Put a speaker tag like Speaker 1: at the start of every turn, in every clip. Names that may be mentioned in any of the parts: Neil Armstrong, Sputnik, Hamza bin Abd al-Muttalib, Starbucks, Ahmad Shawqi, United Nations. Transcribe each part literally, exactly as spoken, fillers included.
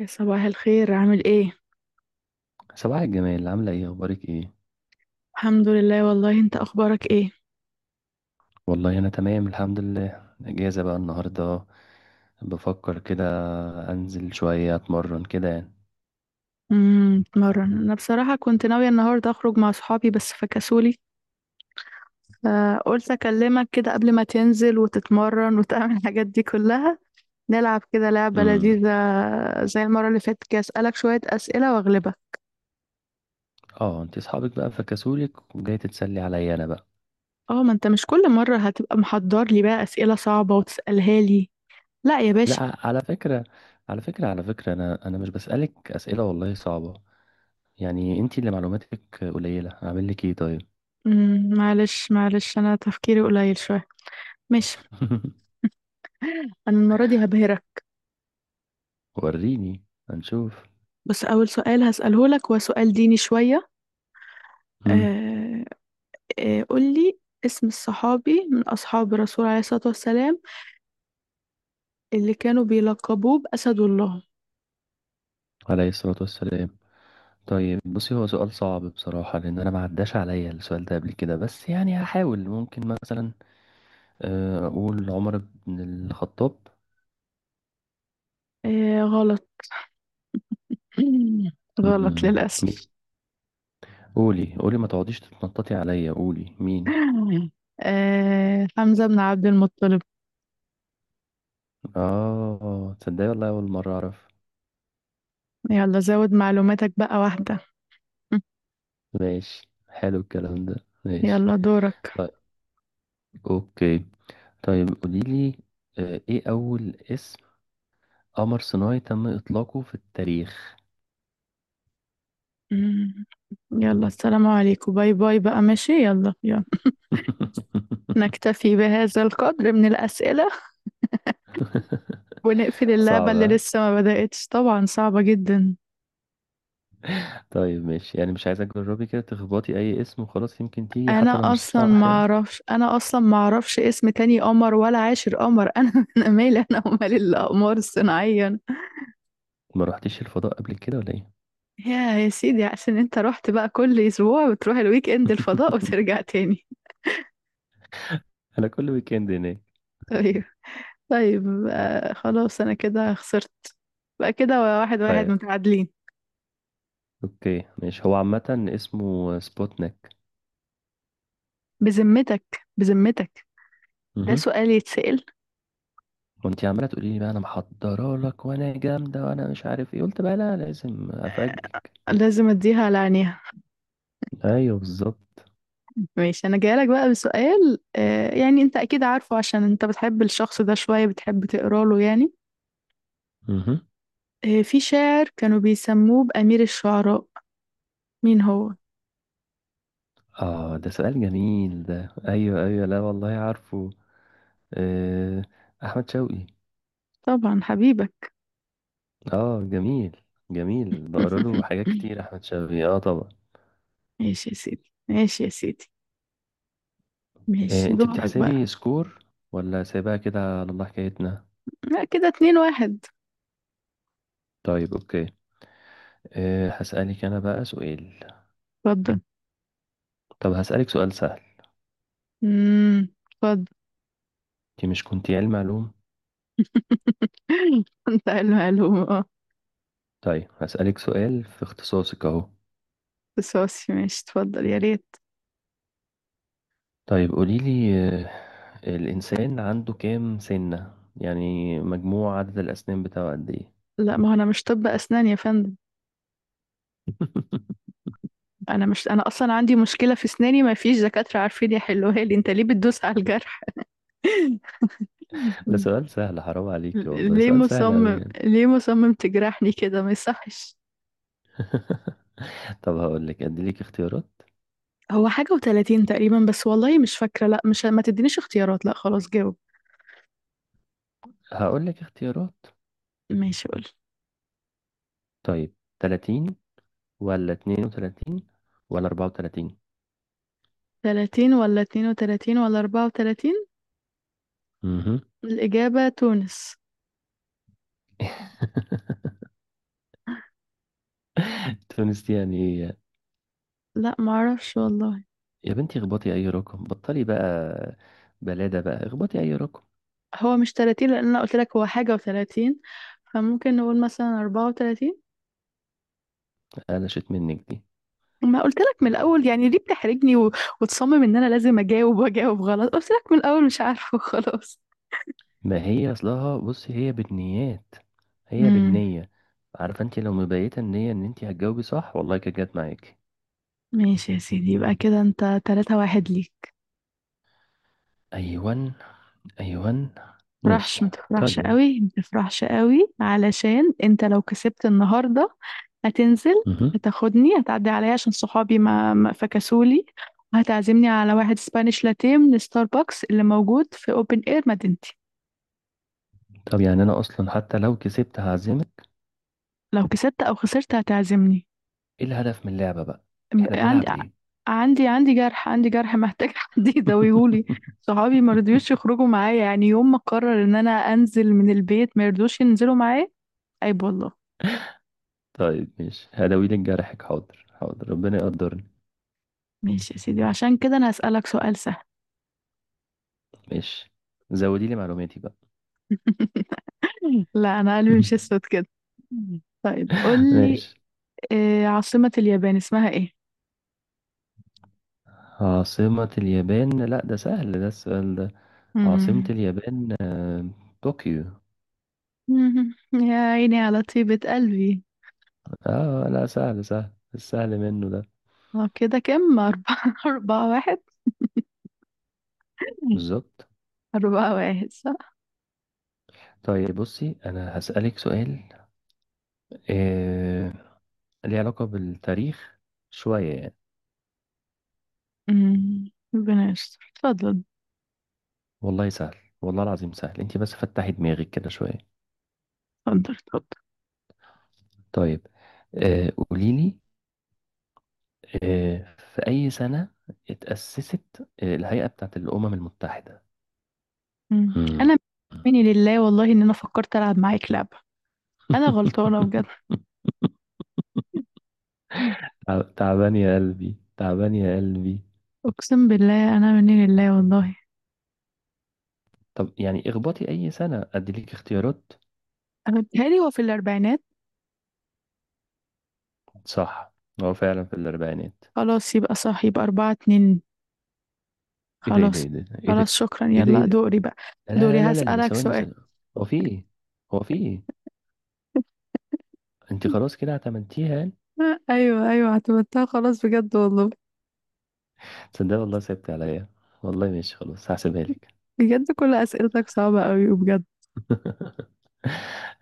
Speaker 1: يا صباح الخير، عامل ايه؟
Speaker 2: صباح الجمال، عاملة ايه؟ اخبارك ايه؟
Speaker 1: الحمد لله، والله انت اخبارك ايه؟
Speaker 2: والله انا تمام، الحمد لله. اجازة بقى النهاردة. بفكر كده انزل شوية اتمرن كده يعني.
Speaker 1: امم بتمرن، انا بصراحه كنت ناويه النهارده اخرج مع صحابي بس فكسولي. فقلت اكلمك كده قبل ما تنزل وتتمرن وتعمل الحاجات دي كلها. نلعب كده لعبه لذيذه.
Speaker 2: امم.
Speaker 1: زي المره اللي فاتت، كده اسالك شويه اسئله واغلبك.
Speaker 2: اه، انت اصحابك بقى فكسولك وجاي تتسلي عليا انا بقى؟
Speaker 1: اه، ما انت مش كل مره هتبقى محضر لي بقى اسئله صعبه وتسالها لي. لا يا باشا.
Speaker 2: لا، على فكرة، على فكرة على فكرة انا انا مش بسألك اسئلة والله صعبة. يعني انت اللي معلوماتك قليلة، اعمل لك ايه طيب؟
Speaker 1: امم معلش معلش، انا تفكيري قليل شويه. ماشي. انا المره دي هبهرك.
Speaker 2: وريني، هنشوف.
Speaker 1: بس أول سؤال هسأله لك هو سؤال ديني شوية.
Speaker 2: امم.
Speaker 1: آه، آه قول لي اسم الصحابي من أصحاب الرسول عليه الصلاة والسلام اللي كانوا بيلقبوه بأسد الله؟
Speaker 2: عليه الصلاة والسلام. طيب بصي، هو سؤال صعب بصراحة لأن أنا ما عداش عليا السؤال ده قبل كده، بس يعني هحاول. ممكن مثلا آه، أقول عمر بن الخطاب.
Speaker 1: آه، غلط. غلط
Speaker 2: مم، مين؟
Speaker 1: للأسف.
Speaker 2: قولي قولي، ما تقعديش تتنططي عليا، قولي مين.
Speaker 1: آه، حمزة بن عبد المطلب.
Speaker 2: آه، تصدقي والله أول مرة أعرف.
Speaker 1: يلا زود معلوماتك بقى واحدة.
Speaker 2: ماشي، حلو الكلام ده. ماشي.
Speaker 1: يلا دورك.
Speaker 2: طيب، أوكي. طيب قوليلي آه، إيه أول اسم قمر صناعي تم إطلاقه في التاريخ؟
Speaker 1: مم. يلا السلام عليكم، باي باي بقى، ماشي يلا يلا. نكتفي بهذا القدر من الأسئلة. ونقفل اللعبة اللي
Speaker 2: صعب.
Speaker 1: لسه ما بدأتش طبعا، صعبة جدا.
Speaker 2: طيب ماشي، يعني مش عايزك تجربي كده تخبطي اي اسم وخلاص؟ يمكن تيجي حتى
Speaker 1: انا
Speaker 2: لو مش
Speaker 1: اصلا ما
Speaker 2: صح يعني.
Speaker 1: اعرفش انا اصلا ما اعرفش اسم تاني قمر ولا عاشر قمر. انا انا مالي، انا ومال الاقمار الصناعية.
Speaker 2: ما رحتيش الفضاء قبل كده ولا ايه؟
Speaker 1: يا يا سيدي، عشان انت رحت بقى كل اسبوع بتروح الويك اند الفضاء وترجع تاني.
Speaker 2: انا كل ويكند هناك.
Speaker 1: طيب. طيب، آه، خلاص انا كده خسرت. بقى كده واحد واحد
Speaker 2: طيب
Speaker 1: متعادلين.
Speaker 2: اوكي، ماشي، هو عامة اسمه سبوتنيك.
Speaker 1: بذمتك، بذمتك. ده
Speaker 2: مهم.
Speaker 1: سؤال يتسأل؟
Speaker 2: وانتي عمالة تقولي لي بقى انا محضرة لك وانا جامدة وانا مش عارف ايه، قلت بقى لا، لازم افاجئك.
Speaker 1: لازم اديها على عينيها.
Speaker 2: ايوه بالظبط.
Speaker 1: ماشي، انا جايلك بقى بسؤال، آه يعني انت اكيد عارفه، عشان انت بتحب الشخص ده شوية، بتحب تقرا له يعني.
Speaker 2: مهم.
Speaker 1: آه، في شاعر كانوا بيسموه بأمير الشعراء، مين هو؟
Speaker 2: اه ده سؤال جميل ده، ايوه ايوه، لا والله عارفه. آه، احمد شوقي.
Speaker 1: طبعا حبيبك.
Speaker 2: اه جميل. جميل، بقرا له حاجات كتير احمد شوقي، اه طبعا.
Speaker 1: ماشي يا سيدي، ماشي يا سيدي.
Speaker 2: إيه،
Speaker 1: ماشي
Speaker 2: انت
Speaker 1: دورك
Speaker 2: بتحسبي
Speaker 1: بقى.
Speaker 2: سكور ولا سايباها كده على الله حكايتنا؟
Speaker 1: لا، كده اتنين واحد.
Speaker 2: طيب اوكي، إيه هسألك انا بقى سؤال.
Speaker 1: اتفضل.
Speaker 2: طب هسألك سؤال سهل.
Speaker 1: امم اتفضل.
Speaker 2: انت مش كنتي علم علوم؟
Speaker 1: انت المعلومة اه.
Speaker 2: طيب هسألك سؤال في اختصاصك اهو.
Speaker 1: بس ماشي، اتفضل يا ريت.
Speaker 2: طيب قوليلي، آه، الانسان عنده كام سنة يعني؟ مجموع عدد الاسنان بتاعه قد ايه؟
Speaker 1: لا، ما هو انا مش طب اسنان يا فندم. انا مش انا اصلا عندي مشكله في اسناني، ما فيش دكاتره عارفين يحلوها لي، انت ليه بتدوس على الجرح؟
Speaker 2: ده سؤال سهل، حرام عليكي والله،
Speaker 1: ليه
Speaker 2: سؤال سهل أوي
Speaker 1: مصمم
Speaker 2: يعني.
Speaker 1: ليه مصمم تجرحني كده، ما يصحش.
Speaker 2: طب هقول لك، اديلك اختيارات.
Speaker 1: هو حاجه و30 تقريبا بس، والله مش فاكره. لا، مش ما تدينيش اختيارات، لا خلاص جاوب.
Speaker 2: هقول لك اختيارات.
Speaker 1: ماشي قول.
Speaker 2: طيب، ثلاثين ولا اثنين وثلاثين ولا أربعة وثلاثين؟
Speaker 1: تلاتين ولا اتنين وتلاتين ولا اربعة وتلاتين؟
Speaker 2: امم.
Speaker 1: الاجابه تونس.
Speaker 2: تونس يعني! ايه
Speaker 1: لا ما اعرفش والله.
Speaker 2: يا بنتي، اخبطي اي رقم، بطلي بقى. بلادة بقى، اخبطي اي رقم.
Speaker 1: هو مش تلاتين لان انا قلت لك هو حاجه و30، فممكن نقول مثلا اربعة وتلاتين.
Speaker 2: قلشت منك دي.
Speaker 1: ما قلت لك من الاول، يعني ليه بتحرجني و... وتصمم ان انا لازم اجاوب، واجاوب غلط، قلت لك من الاول مش عارفه. خلاص.
Speaker 2: ما هي اصلها بصي هي بالنيات، هي
Speaker 1: امم.
Speaker 2: بالنية. عارفة، انت لو مبيتة النية ان انت هتجاوبي صح، والله كانت جت معاكي.
Speaker 1: ماشي يا سيدي، يبقى كده انت تلاتة واحد ليك.
Speaker 2: ايوان، ايوان. ماشي.
Speaker 1: متفرحش، متفرحش
Speaker 2: طيب.
Speaker 1: قوي، متفرحش قوي علشان انت لو كسبت النهارده هتنزل،
Speaker 2: مهم.
Speaker 1: هتاخدني، هتعدي عليا عشان صحابي ما, ما فكسولي، وهتعزمني على واحد سبانيش لاتيه من ستاربكس اللي موجود في اوبن اير مدينتي.
Speaker 2: طب يعني انا اصلا حتى لو كسبت هعزمك.
Speaker 1: لو كسبت او خسرت هتعزمني.
Speaker 2: ايه الهدف من اللعبة بقى؟
Speaker 1: ب-
Speaker 2: احنا
Speaker 1: عندي
Speaker 2: بنلعب ليه؟
Speaker 1: عندي عندي جرح عندي جرح محتاج حد يداويهولي. صحابي ما رضيوش يخرجوا معايا، يعني يوم ما قرر ان انا انزل من البيت ما يرضوش ينزلوا معايا. عيب والله.
Speaker 2: طيب ماشي، هداوي لك جرحك، حاضر حاضر، ربنا يقدرني.
Speaker 1: ماشي يا سيدي، وعشان كده انا هسألك سؤال سهل.
Speaker 2: ماشي، زودي لي معلوماتي بقى.
Speaker 1: لا، انا قلبي مش اسود كده. طيب قول لي.
Speaker 2: ماشي.
Speaker 1: آه، عاصمة اليابان اسمها ايه؟
Speaker 2: عاصمة اليابان؟ لا ده سهل ده السؤال ده. عاصمة
Speaker 1: مم.
Speaker 2: اليابان، آه، طوكيو.
Speaker 1: مم. يا عيني على طيبة قلبي.
Speaker 2: اه لا، سهل، سهل السهل منه ده.
Speaker 1: آه، كده كم؟ أربعة أربعة واحد.
Speaker 2: بالظبط.
Speaker 1: أربعة واحد صح.
Speaker 2: طيب بصي، انا هسألك سؤال آه... ليه علاقة بالتاريخ شوية يعني.
Speaker 1: مم. ربنا يستر، اتفضل،
Speaker 2: والله سهل، والله العظيم سهل، انت بس فتحي دماغك كده شوية.
Speaker 1: اتفضل، اتفضل.
Speaker 2: طيب آه قوليلي، آه في أي سنة اتأسست آه الهيئة بتاعت الأمم المتحدة؟
Speaker 1: مم.
Speaker 2: مم.
Speaker 1: انا مني لله والله ان انا فكرت العب معاك لعبه. انا غلطانه بجد.
Speaker 2: تعب- تعبان يا قلبي، تعبان يا قلبي.
Speaker 1: اقسم بالله، انا مني لله والله.
Speaker 2: طب يعني اخبطي أي سنة، أديلك اختيارات.
Speaker 1: أنا بيتهيألي هو في الاربعينات.
Speaker 2: صح، هو فعلا في الأربعينات.
Speaker 1: خلاص يبقى صح، يبقى اربعة اتنين.
Speaker 2: ايه ده ايه ده
Speaker 1: خلاص.
Speaker 2: ايه ده
Speaker 1: خلاص شكرا،
Speaker 2: ايه ده ايه ده ايه
Speaker 1: يلا
Speaker 2: ده؟
Speaker 1: دوري بقى. دوري،
Speaker 2: لا لا لا لا، لا،
Speaker 1: هسألك
Speaker 2: ثواني
Speaker 1: سؤال.
Speaker 2: ثواني. هو في ايه؟ هو في ايه؟ انت خلاص كده اعتمدتيها؟
Speaker 1: آه، ايوه، ايوه، اعتمدتها خلاص بجد والله.
Speaker 2: تصدق والله سبت عليا. والله ماشي، خلاص هحسبها لك.
Speaker 1: بجد، كل اسئلتك صعبة قوي بجد.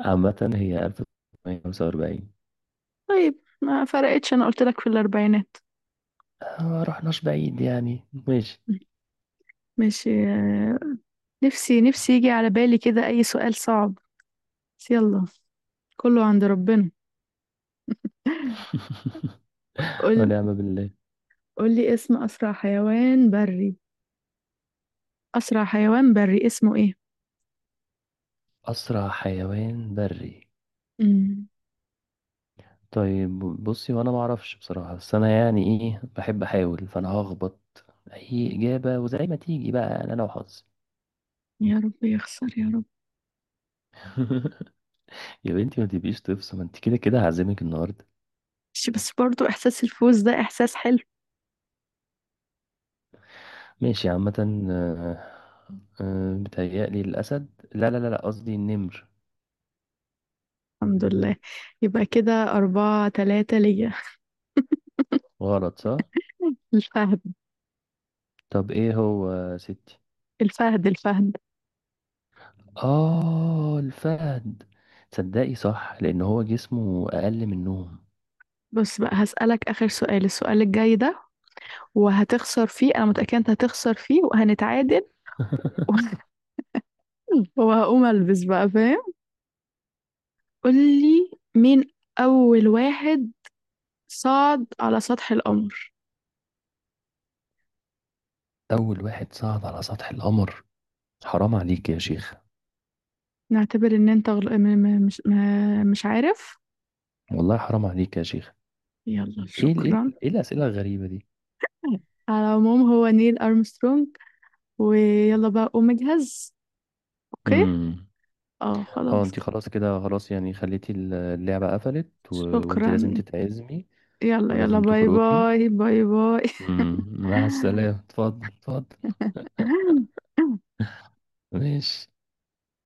Speaker 2: عامة هي ألف وتسعمية وخمسة وأربعين.
Speaker 1: طيب، ما فرقتش، انا قلت لك في الاربعينات.
Speaker 2: آه، ما رحناش بعيد يعني. ماشي.
Speaker 1: ماشي. آه، نفسي نفسي يجي على بالي كده اي سؤال صعب. بس يلا. كله عند ربنا. قول.
Speaker 2: ونعم بالله.
Speaker 1: قول لي اسم أسرع حيوان بري. أسرع حيوان بري اسمه إيه؟
Speaker 2: أسرع حيوان بري.
Speaker 1: مم.
Speaker 2: طيب بصي، وأنا معرفش بصراحة بس أنا يعني إيه، بحب أحاول، فأنا هخبط أي إجابة وزي ما تيجي بقى، أنا لو حظي.
Speaker 1: يا رب يخسر يا رب.
Speaker 2: يا بنتي ما تبقيش تفصل، ما أنت كده كده هعزمك النهاردة.
Speaker 1: مش بس، برضو إحساس الفوز ده إحساس حلو.
Speaker 2: ماشي، عامة آه، آه، بتهيألي الأسد. لا لا لا لا، قصدي النمر.
Speaker 1: الحمد لله. يبقى كده أربعة تلاتة ليا.
Speaker 2: غلط صح؟
Speaker 1: الفهد.
Speaker 2: طب إيه هو يا ستي؟
Speaker 1: الفهد، الفهد.
Speaker 2: آه، الفهد. تصدقي صح، لأن هو جسمه أقل منهم.
Speaker 1: بص بقى، هسألك آخر سؤال، السؤال الجاي ده وهتخسر فيه، أنا متأكدة أنت هتخسر فيه وهنتعادل. وهقوم ألبس بقى، فاهم؟ قول لي مين أول واحد صعد على سطح القمر؟
Speaker 2: أول واحد صعد على سطح القمر؟ حرام عليك يا شيخ.
Speaker 1: نعتبر ان انت غل... م... م... مش م... مش عارف.
Speaker 2: والله حرام عليك يا شيخ.
Speaker 1: يلا،
Speaker 2: إيه ال- إيه
Speaker 1: شكرا.
Speaker 2: ال- إيه الأسئلة الغريبة دي؟
Speaker 1: على العموم، هو نيل ارمسترونج. ويلا بقى قوم اجهز. اوكي.
Speaker 2: امم.
Speaker 1: اه
Speaker 2: اه
Speaker 1: خلاص
Speaker 2: انت
Speaker 1: كده.
Speaker 2: خلاص كده، خلاص يعني، خليتي ال- اللعبة قفلت و... وانت
Speaker 1: شكرا،
Speaker 2: لازم تتعزمي
Speaker 1: يلا يلا،
Speaker 2: ولازم
Speaker 1: باي
Speaker 2: تخرجي.
Speaker 1: باي، باي باي.
Speaker 2: امم. مع السلامة، اتفضل اتفضل. ماشي.